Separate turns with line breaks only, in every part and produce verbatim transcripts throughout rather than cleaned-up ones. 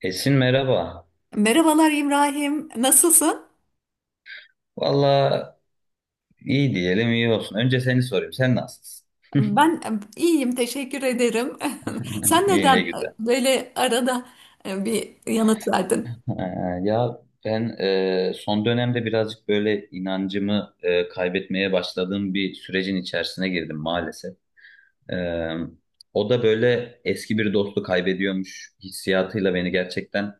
Esin merhaba.
Merhabalar İbrahim, nasılsın?
Valla iyi diyelim iyi olsun. Önce seni sorayım. Sen nasılsın?
Ben e, iyiyim, teşekkür ederim. Sen
İyi
neden
ne
e,
güzel.
böyle arada e, bir yanıt verdin?
Ee, ya ben e, son dönemde birazcık böyle inancımı e, kaybetmeye başladığım bir sürecin içerisine girdim maalesef. Ee, O da böyle eski bir dostu kaybediyormuş hissiyatıyla beni gerçekten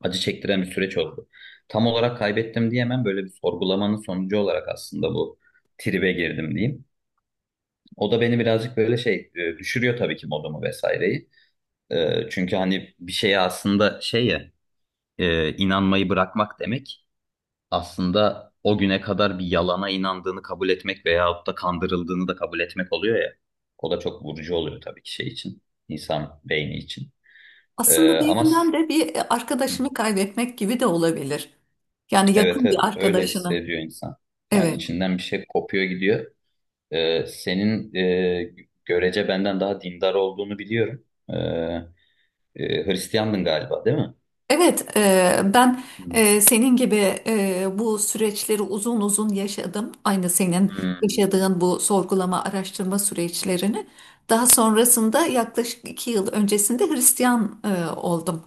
acı çektiren bir süreç oldu. Tam olarak kaybettim diyemem, böyle bir sorgulamanın sonucu olarak aslında bu tribe girdim diyeyim. O da beni birazcık böyle şey e, düşürüyor tabii ki, modumu vesaireyi. E, çünkü hani bir şeye aslında şey ya e, inanmayı bırakmak demek aslında o güne kadar bir yalana inandığını kabul etmek veyahut da kandırıldığını da kabul etmek oluyor ya. O da çok vurucu oluyor tabii ki şey için, insan beyni için. E,
Aslında bir
ama s-
yönden de bir e,
hı,
arkadaşını kaybetmek gibi de olabilir. Yani
evet,
yakın bir
evet, öyle
arkadaşını.
hissediyor insan. Yani
Evet,
içinden bir şey kopuyor gidiyor. E, senin e, görece benden daha dindar olduğunu biliyorum. E, Ee, Hristiyandın galiba, değil mi?
evet. e, Ben
Hmm.
e, senin gibi e, bu süreçleri uzun uzun yaşadım. Aynı senin
Hmm.
yaşadığın bu sorgulama, araştırma süreçlerini. Daha sonrasında yaklaşık iki yıl öncesinde Hristiyan e, oldum.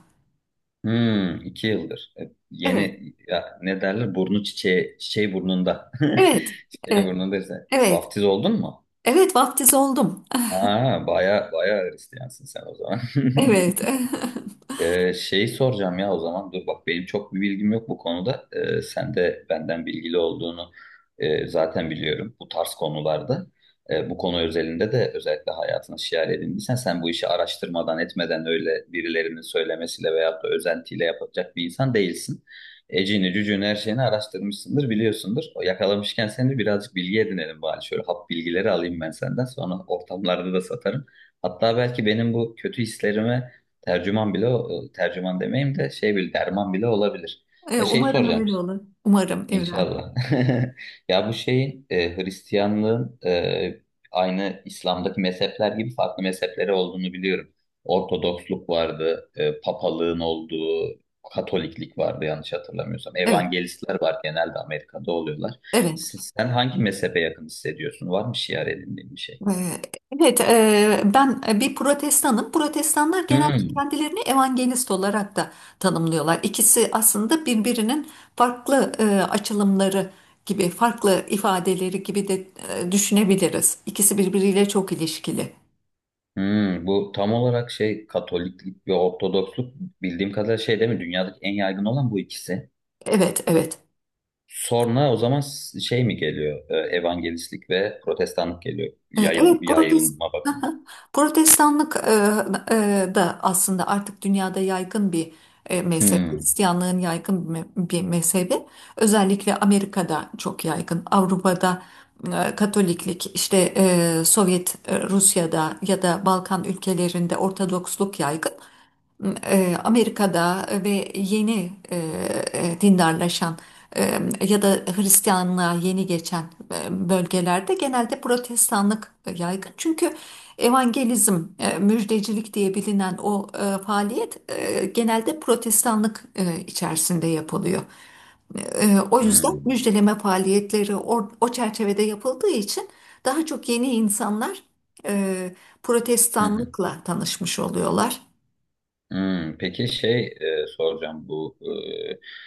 Hmm, iki yıldır. E,
Evet,
Yeni, ya ne derler? Burnu çiçeği, çiçeği burnunda.
evet,
Çiçeği
e,
burnunda ise.
evet,
Vaftiz oldun mu?
evet vaftiz oldum.
Ha, baya baya Hristiyansın sen o zaman.
Evet,
Ee, şey soracağım ya o zaman, dur bak, benim çok bir bilgim yok bu konuda. Ee, sen de benden bilgili olduğunu e, zaten biliyorum bu tarz konularda. Ee, bu konu özelinde de özellikle hayatına şiar edindiysen sen, bu işi araştırmadan etmeden öyle birilerinin söylemesiyle veyahut da özentiyle yapacak bir insan değilsin. Ecini cücüğünü her şeyini araştırmışsındır, biliyorsundur. O yakalamışken seni birazcık bilgi edinelim bari, şöyle hap bilgileri alayım ben, senden sonra ortamlarda da satarım. Hatta belki benim bu kötü hislerime tercüman bile, o- e, tercüman demeyeyim de şey bile, derman bile olabilir.
E,
Ya şey
umarım
soracağım,
öyle olur. Umarım evladım.
inşallah. Ya bu şeyin e, Hristiyanlığın e, aynı İslam'daki mezhepler gibi farklı mezhepleri olduğunu biliyorum. Ortodoksluk vardı, e, papalığın olduğu, Katoliklik vardı yanlış hatırlamıyorsam.
Evet,
Evangelistler var, genelde Amerika'da oluyorlar.
evet.
Siz- sen hangi mezhebe yakın hissediyorsun? Var mı şiar edindiğin bir şey?
E, Evet, e, ben e, bir protestanım. Protestanlar genelde
Hmm.
kendilerini evangelist olarak da tanımlıyorlar. İkisi aslında birbirinin farklı e, açılımları gibi, farklı ifadeleri gibi de e, düşünebiliriz. İkisi birbiriyle çok ilişkili.
Hmm, bu tam olarak şey Katoliklik ve Ortodoksluk, bildiğim kadarıyla şey değil mi? Dünyadaki en yaygın olan bu ikisi.
Evet, evet.
Sonra o zaman s- şey mi geliyor? Ee, Evangelistlik ve Protestanlık geliyor.
E,
Yayıl,
Evet, protest
yayılma bakımından.
Protestanlık e, e, da aslında artık dünyada yaygın bir e, mezhep.
Hmm,
Hristiyanlığın yaygın bir me- bir mezhebi. Özellikle Amerika'da çok yaygın. Avrupa'da e, Katoliklik, işte e, Sovyet e, Rusya'da ya da Balkan ülkelerinde Ortodoksluk yaygın e, Amerika'da ve yeni e, e, dindarlaşan e, ya da Hristiyanlığa yeni geçen e, bölgelerde genelde protestanlık yaygın. Çünkü evangelizm, e, müjdecilik diye bilinen o e, faaliyet e, genelde protestanlık e, içerisinde yapılıyor. E, O yüzden
hmm,
müjdeleme faaliyetleri o, o çerçevede yapıldığı için daha çok yeni insanlar e,
hı hı,
protestanlıkla tanışmış oluyorlar.
hmm. Peki şey e, soracağım, bu e,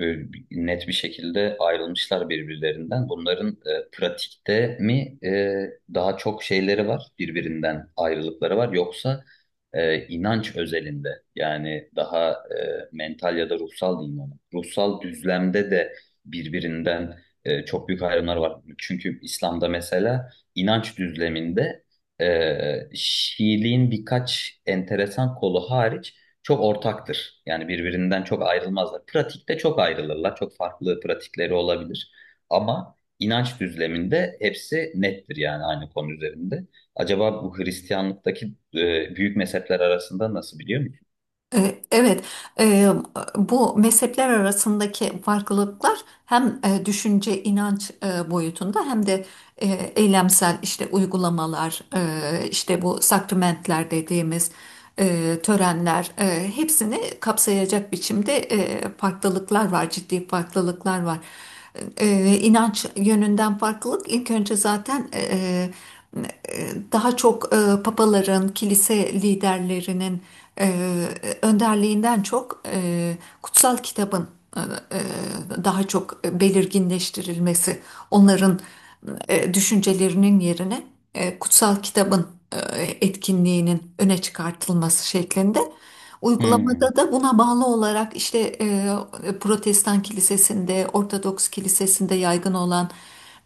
böyle bir- net bir şekilde ayrılmışlar birbirlerinden. Bunların e, pratikte mi e, daha çok şeyleri var, birbirinden ayrılıkları var, yoksa e, inanç özelinde, yani daha e, mental ya da ruhsal diyeyim ona. Ruhsal düzlemde de birbirinden e, çok büyük ayrımlar var. Çünkü İslam'da mesela inanç düzleminde e, Şiiliğin birkaç enteresan kolu hariç çok ortaktır. Yani birbirinden çok ayrılmazlar. Pratikte çok ayrılırlar. Çok farklı pratikleri olabilir. Ama inanç düzleminde hepsi nettir yani, aynı konu üzerinde. Acaba bu Hristiyanlıktaki e, büyük mezhepler arasında nasıl, biliyor musun?
E, Evet, e, bu mezhepler arasındaki farklılıklar hem e, düşünce, inanç e, boyutunda hem de e, eylemsel işte uygulamalar, e, işte bu sakramentler dediğimiz e, törenler e, hepsini kapsayacak biçimde e, farklılıklar var, ciddi farklılıklar var. Ee, e, inanç yönünden farklılık ilk önce zaten e, e, daha çok e, papaların, kilise liderlerinin e, önderliğinden çok e, kutsal kitabın e, e, daha çok belirginleştirilmesi, onların e, düşüncelerinin yerine e, kutsal kitabın e, etkinliğinin öne çıkartılması şeklinde.
Hmm,
Uygulamada da buna bağlı olarak işte e, Protestan kilisesinde, Ortodoks kilisesinde yaygın olan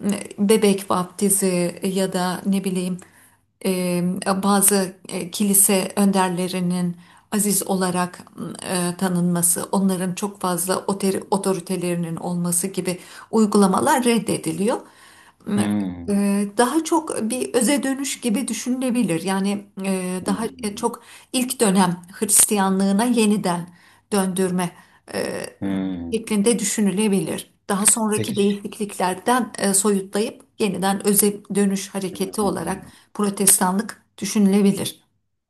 e, bebek vaftizi ya da ne bileyim e, bazı e, kilise önderlerinin aziz olarak e, tanınması, onların çok fazla otori- otoritelerinin olması gibi uygulamalar reddediliyor.
hmm,
Eee, Daha çok bir öze dönüş gibi düşünülebilir. Yani eee, daha
hmm,
çok ilk dönem Hristiyanlığına yeniden döndürme eee,
hmm.
şeklinde düşünülebilir. Daha sonraki
Peki.
değişikliklerden eee, soyutlayıp yeniden öze dönüş hareketi olarak
Hmm.
Protestanlık düşünülebilir.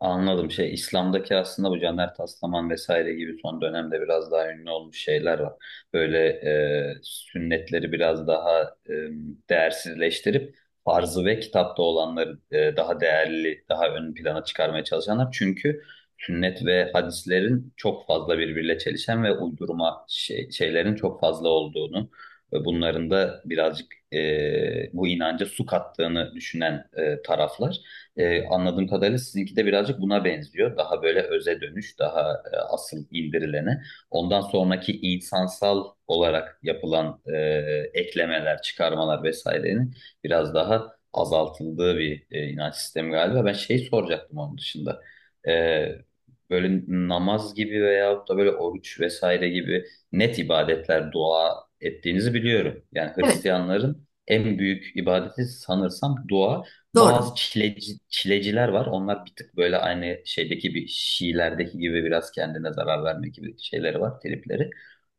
Anladım. Şey, İslam'daki aslında bu Caner Taslaman vesaire gibi son dönemde biraz daha ünlü olmuş şeyler var. Böyle e, sünnetleri biraz daha e, değersizleştirip farzı ve kitapta olanları e, daha değerli, daha ön plana çıkarmaya çalışanlar. Çünkü sünnet ve hadislerin çok fazla birbiriyle çelişen ve uydurma şey- şeylerin çok fazla olduğunu ve bunların da birazcık e, bu inanca su kattığını düşünen e, taraflar. Ee, anladığım kadarıyla sizinki de birazcık buna benziyor. Daha böyle öze dönüş, daha e, asıl indirilene. Ondan sonraki insansal olarak yapılan e, eklemeler, çıkarmalar vesairenin biraz daha azaltıldığı bir e, inanç sistemi galiba. Ben şey soracaktım onun dışında. Ee, böyle namaz gibi veyahut da böyle oruç vesaire gibi net ibadetler, dua ettiğinizi biliyorum. Yani
Evet,
Hristiyanların en büyük ibadeti sanırsam dua.
doğru.
Bazı çileci, çileciler var. Onlar bir tık böyle aynı şeydeki bir Şiilerdeki gibi biraz kendine zarar verme gibi şeyleri var, tripleri.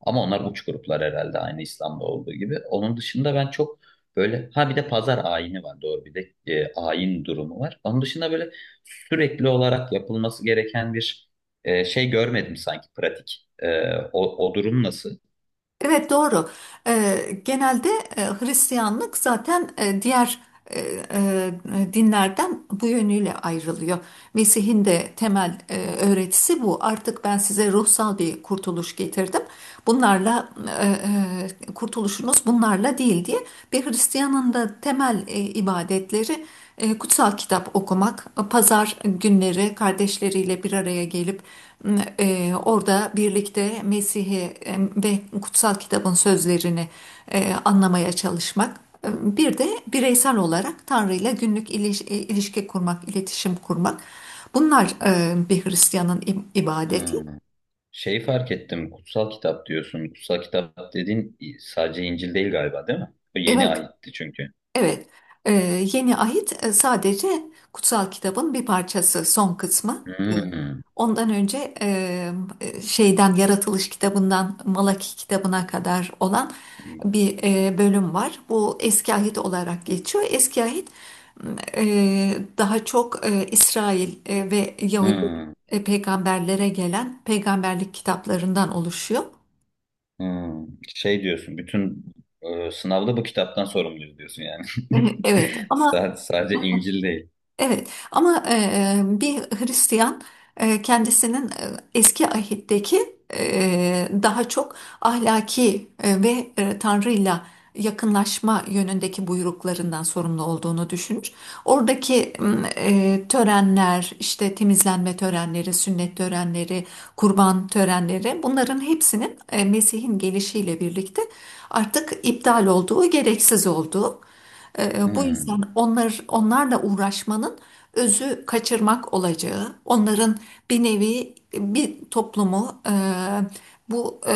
Ama onlar uç gruplar herhalde, aynı İslam'da olduğu gibi. Onun dışında ben çok böyle, ha bir de pazar ayini var doğru, bir de e, ayin durumu var. Onun dışında böyle sürekli olarak yapılması gereken bir e, şey görmedim sanki pratik. E, o, o durum nasıl?
Evet doğru. Eee, genelde e, Hristiyanlık zaten e, diğer e, e, dinlerden bu yönüyle ayrılıyor. Mesih'in de temel e, öğretisi bu. Artık ben size ruhsal bir kurtuluş getirdim. Bunlarla e, e, kurtuluşunuz bunlarla değil diye bir Hristiyanın da temel e, ibadetleri e, Kutsal kitap okumak, pazar günleri kardeşleriyle bir araya gelip e, orada birlikte Mesih'i e, ve kutsal kitabın sözlerini e, anlamaya çalışmak. E, Bir de bireysel olarak Tanrı'yla günlük iliş- e, ilişki kurmak, iletişim kurmak. Bunlar e, bir Hristiyanın ibadeti.
Hmm. Şey fark ettim, kutsal kitap diyorsun. Kutsal kitap dediğin sadece İncil değil galiba, değil mi? O yeni
Evet.
ahitti çünkü.
Evet, e, yeni ahit e, sadece kutsal kitabın bir parçası, son kısmı. E,
Hmm,
Ondan önce e, e, şeyden Yaratılış kitabından Malaki kitabına kadar olan
hmm,
bir e, bölüm var. Bu Eski Ahit olarak geçiyor. Eski Ahit e, daha çok e, İsrail e, ve Yahudi e, peygamberlere gelen peygamberlik kitaplarından oluşuyor.
hmm. Şey diyorsun, bütün e, sınavda bu kitaptan sorumluyuz diyorsun yani.
Evet, ama
Sa- Sadece İncil değil.
Evet ama e, e, bir Hristiyan e, kendisinin e, eski ahitteki e, daha çok ahlaki e, ve e, Tanrı'yla yakınlaşma yönündeki buyruklarından sorumlu olduğunu düşünür. Oradaki m, e, törenler, işte temizlenme törenleri, sünnet törenleri, kurban törenleri bunların hepsinin e, Mesih'in gelişiyle birlikte artık iptal olduğu, gereksiz olduğu. Ee, bu yüzden
Hmm,
onlar onlarla uğraşmanın özü kaçırmak olacağı, onların bir nevi bir toplumu e, bu e,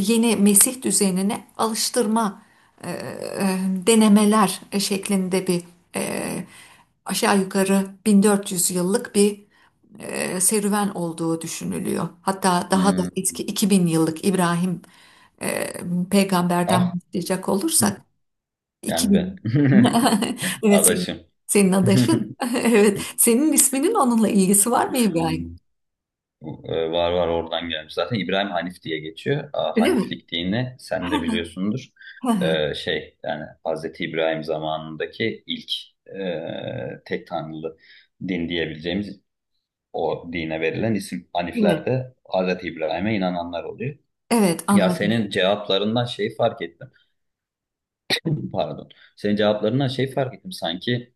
yeni Mesih düzenine alıştırma e, e, denemeler şeklinde bir e, aşağı yukarı bin dört yüz yıllık bir e, serüven olduğu düşünülüyor. Hatta daha da
hmm.
eski iki bin yıllık İbrahim e, peygamberden
Ah,
başlayacak olursak
yani ben.
iki bin. Evet
Adaşım.
senin, senin adaşın. Evet. Senin isminin onunla ilgisi var mı İbrahim?
Hmm. Ee, Var var, oradan gelmiş. Zaten İbrahim Hanif diye geçiyor. Aa,
Öyle mi?
Haniflik dini sen de biliyorsundur. Ee, şey yani Hazreti İbrahim zamanındaki ilk e, tek tanrılı din diyebileceğimiz o dine verilen isim, Hanifler
Evet.
de Hazreti İbrahim'e inananlar oluyor.
Evet
Ya
anladım.
senin cevaplarından şey fark ettim. Pardon. Senin cevaplarından şey fark ettim, sanki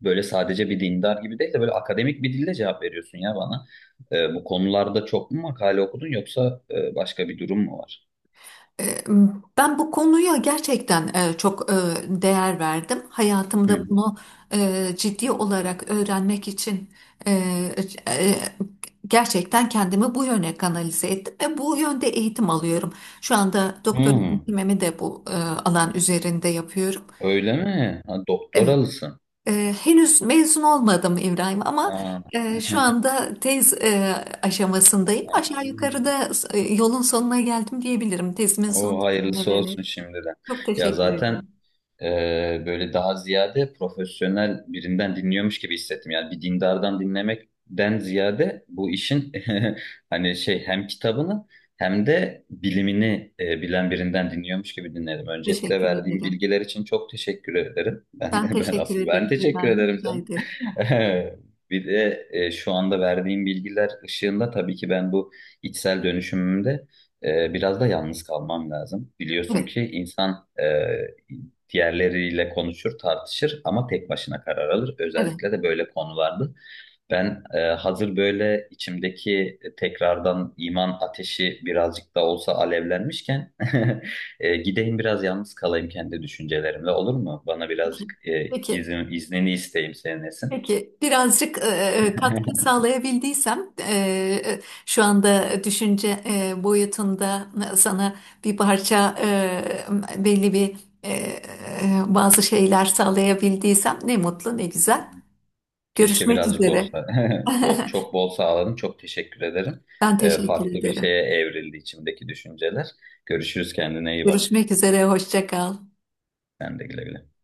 böyle sadece bir dindar gibi değil de böyle akademik bir dilde cevap veriyorsun ya bana. Ee, bu konularda çok mu makale okudun yoksa e, başka bir durum mu var?
Ee, Ben bu konuya gerçekten e, çok e, değer verdim.
Hı.
Hayatımda bunu e, ciddi olarak öğrenmek için e, e, gerçekten kendimi bu yöne kanalize ettim ve bu yönde eğitim alıyorum. Şu anda doktora
Hmm,
eğitimimi de bu e, alan üzerinde yapıyorum.
öyle mi? Ha,
Evet.
doktoralısın.
Ee, henüz mezun olmadım İbrahim ama
Aa,
e, şu anda tez e, aşamasındayım.
Aa.
Aşağı yukarıda e, yolun sonuna geldim diyebilirim. Tezimin son
O hayırlısı
düzenlemeleri.
olsun şimdiden.
Çok
Ya
teşekkür
zaten
ederim.
Ee, böyle daha ziyade profesyonel birinden dinliyormuş gibi hissettim. Yani bir dindardan dinlemekten ziyade bu işin hani şey, hem kitabını hem de bilimini e, bilen birinden dinliyormuş gibi dinledim. Öncelikle
Teşekkür
verdiğim
ederim.
bilgiler için çok teşekkür ederim.
Ben
Ben, ben
teşekkür
asıl ben
ederim
teşekkür
İbrahim.
ederim
Rica
canım.
ederim.
Bir de e, şu anda verdiğim bilgiler ışığında tabii ki ben bu içsel dönüşümümde e, biraz da yalnız kalmam lazım. Biliyorsun
Evet,
ki insan e, diğerleriyle konuşur, tartışır ama tek başına karar alır.
evet.
Özellikle de böyle konularda. Ben e, hazır böyle içimdeki tekrardan iman ateşi birazcık da olsa alevlenmişken, e, gideyim biraz yalnız kalayım kendi düşüncelerimle, olur mu? Bana
Peki,
birazcık e,
peki.
izin, iznini isteyeyim senin, Esin.
Peki, birazcık e, e, katkı sağlayabildiysem e, e, şu anda düşünce e, boyutunda e, sana bir parça e, belli bir e, e, bazı şeyler sağlayabildiysem ne mutlu ne güzel.
Keşke
Görüşmek
birazcık
üzere.
olsa. Bol, çok bol sağladın. Çok teşekkür ederim.
Ben
E,
teşekkür
farklı bir
ederim.
şeye evrildi içimdeki düşünceler. Görüşürüz, kendine iyi bak.
Görüşmek üzere, hoşça kal.
Sen de güle güle.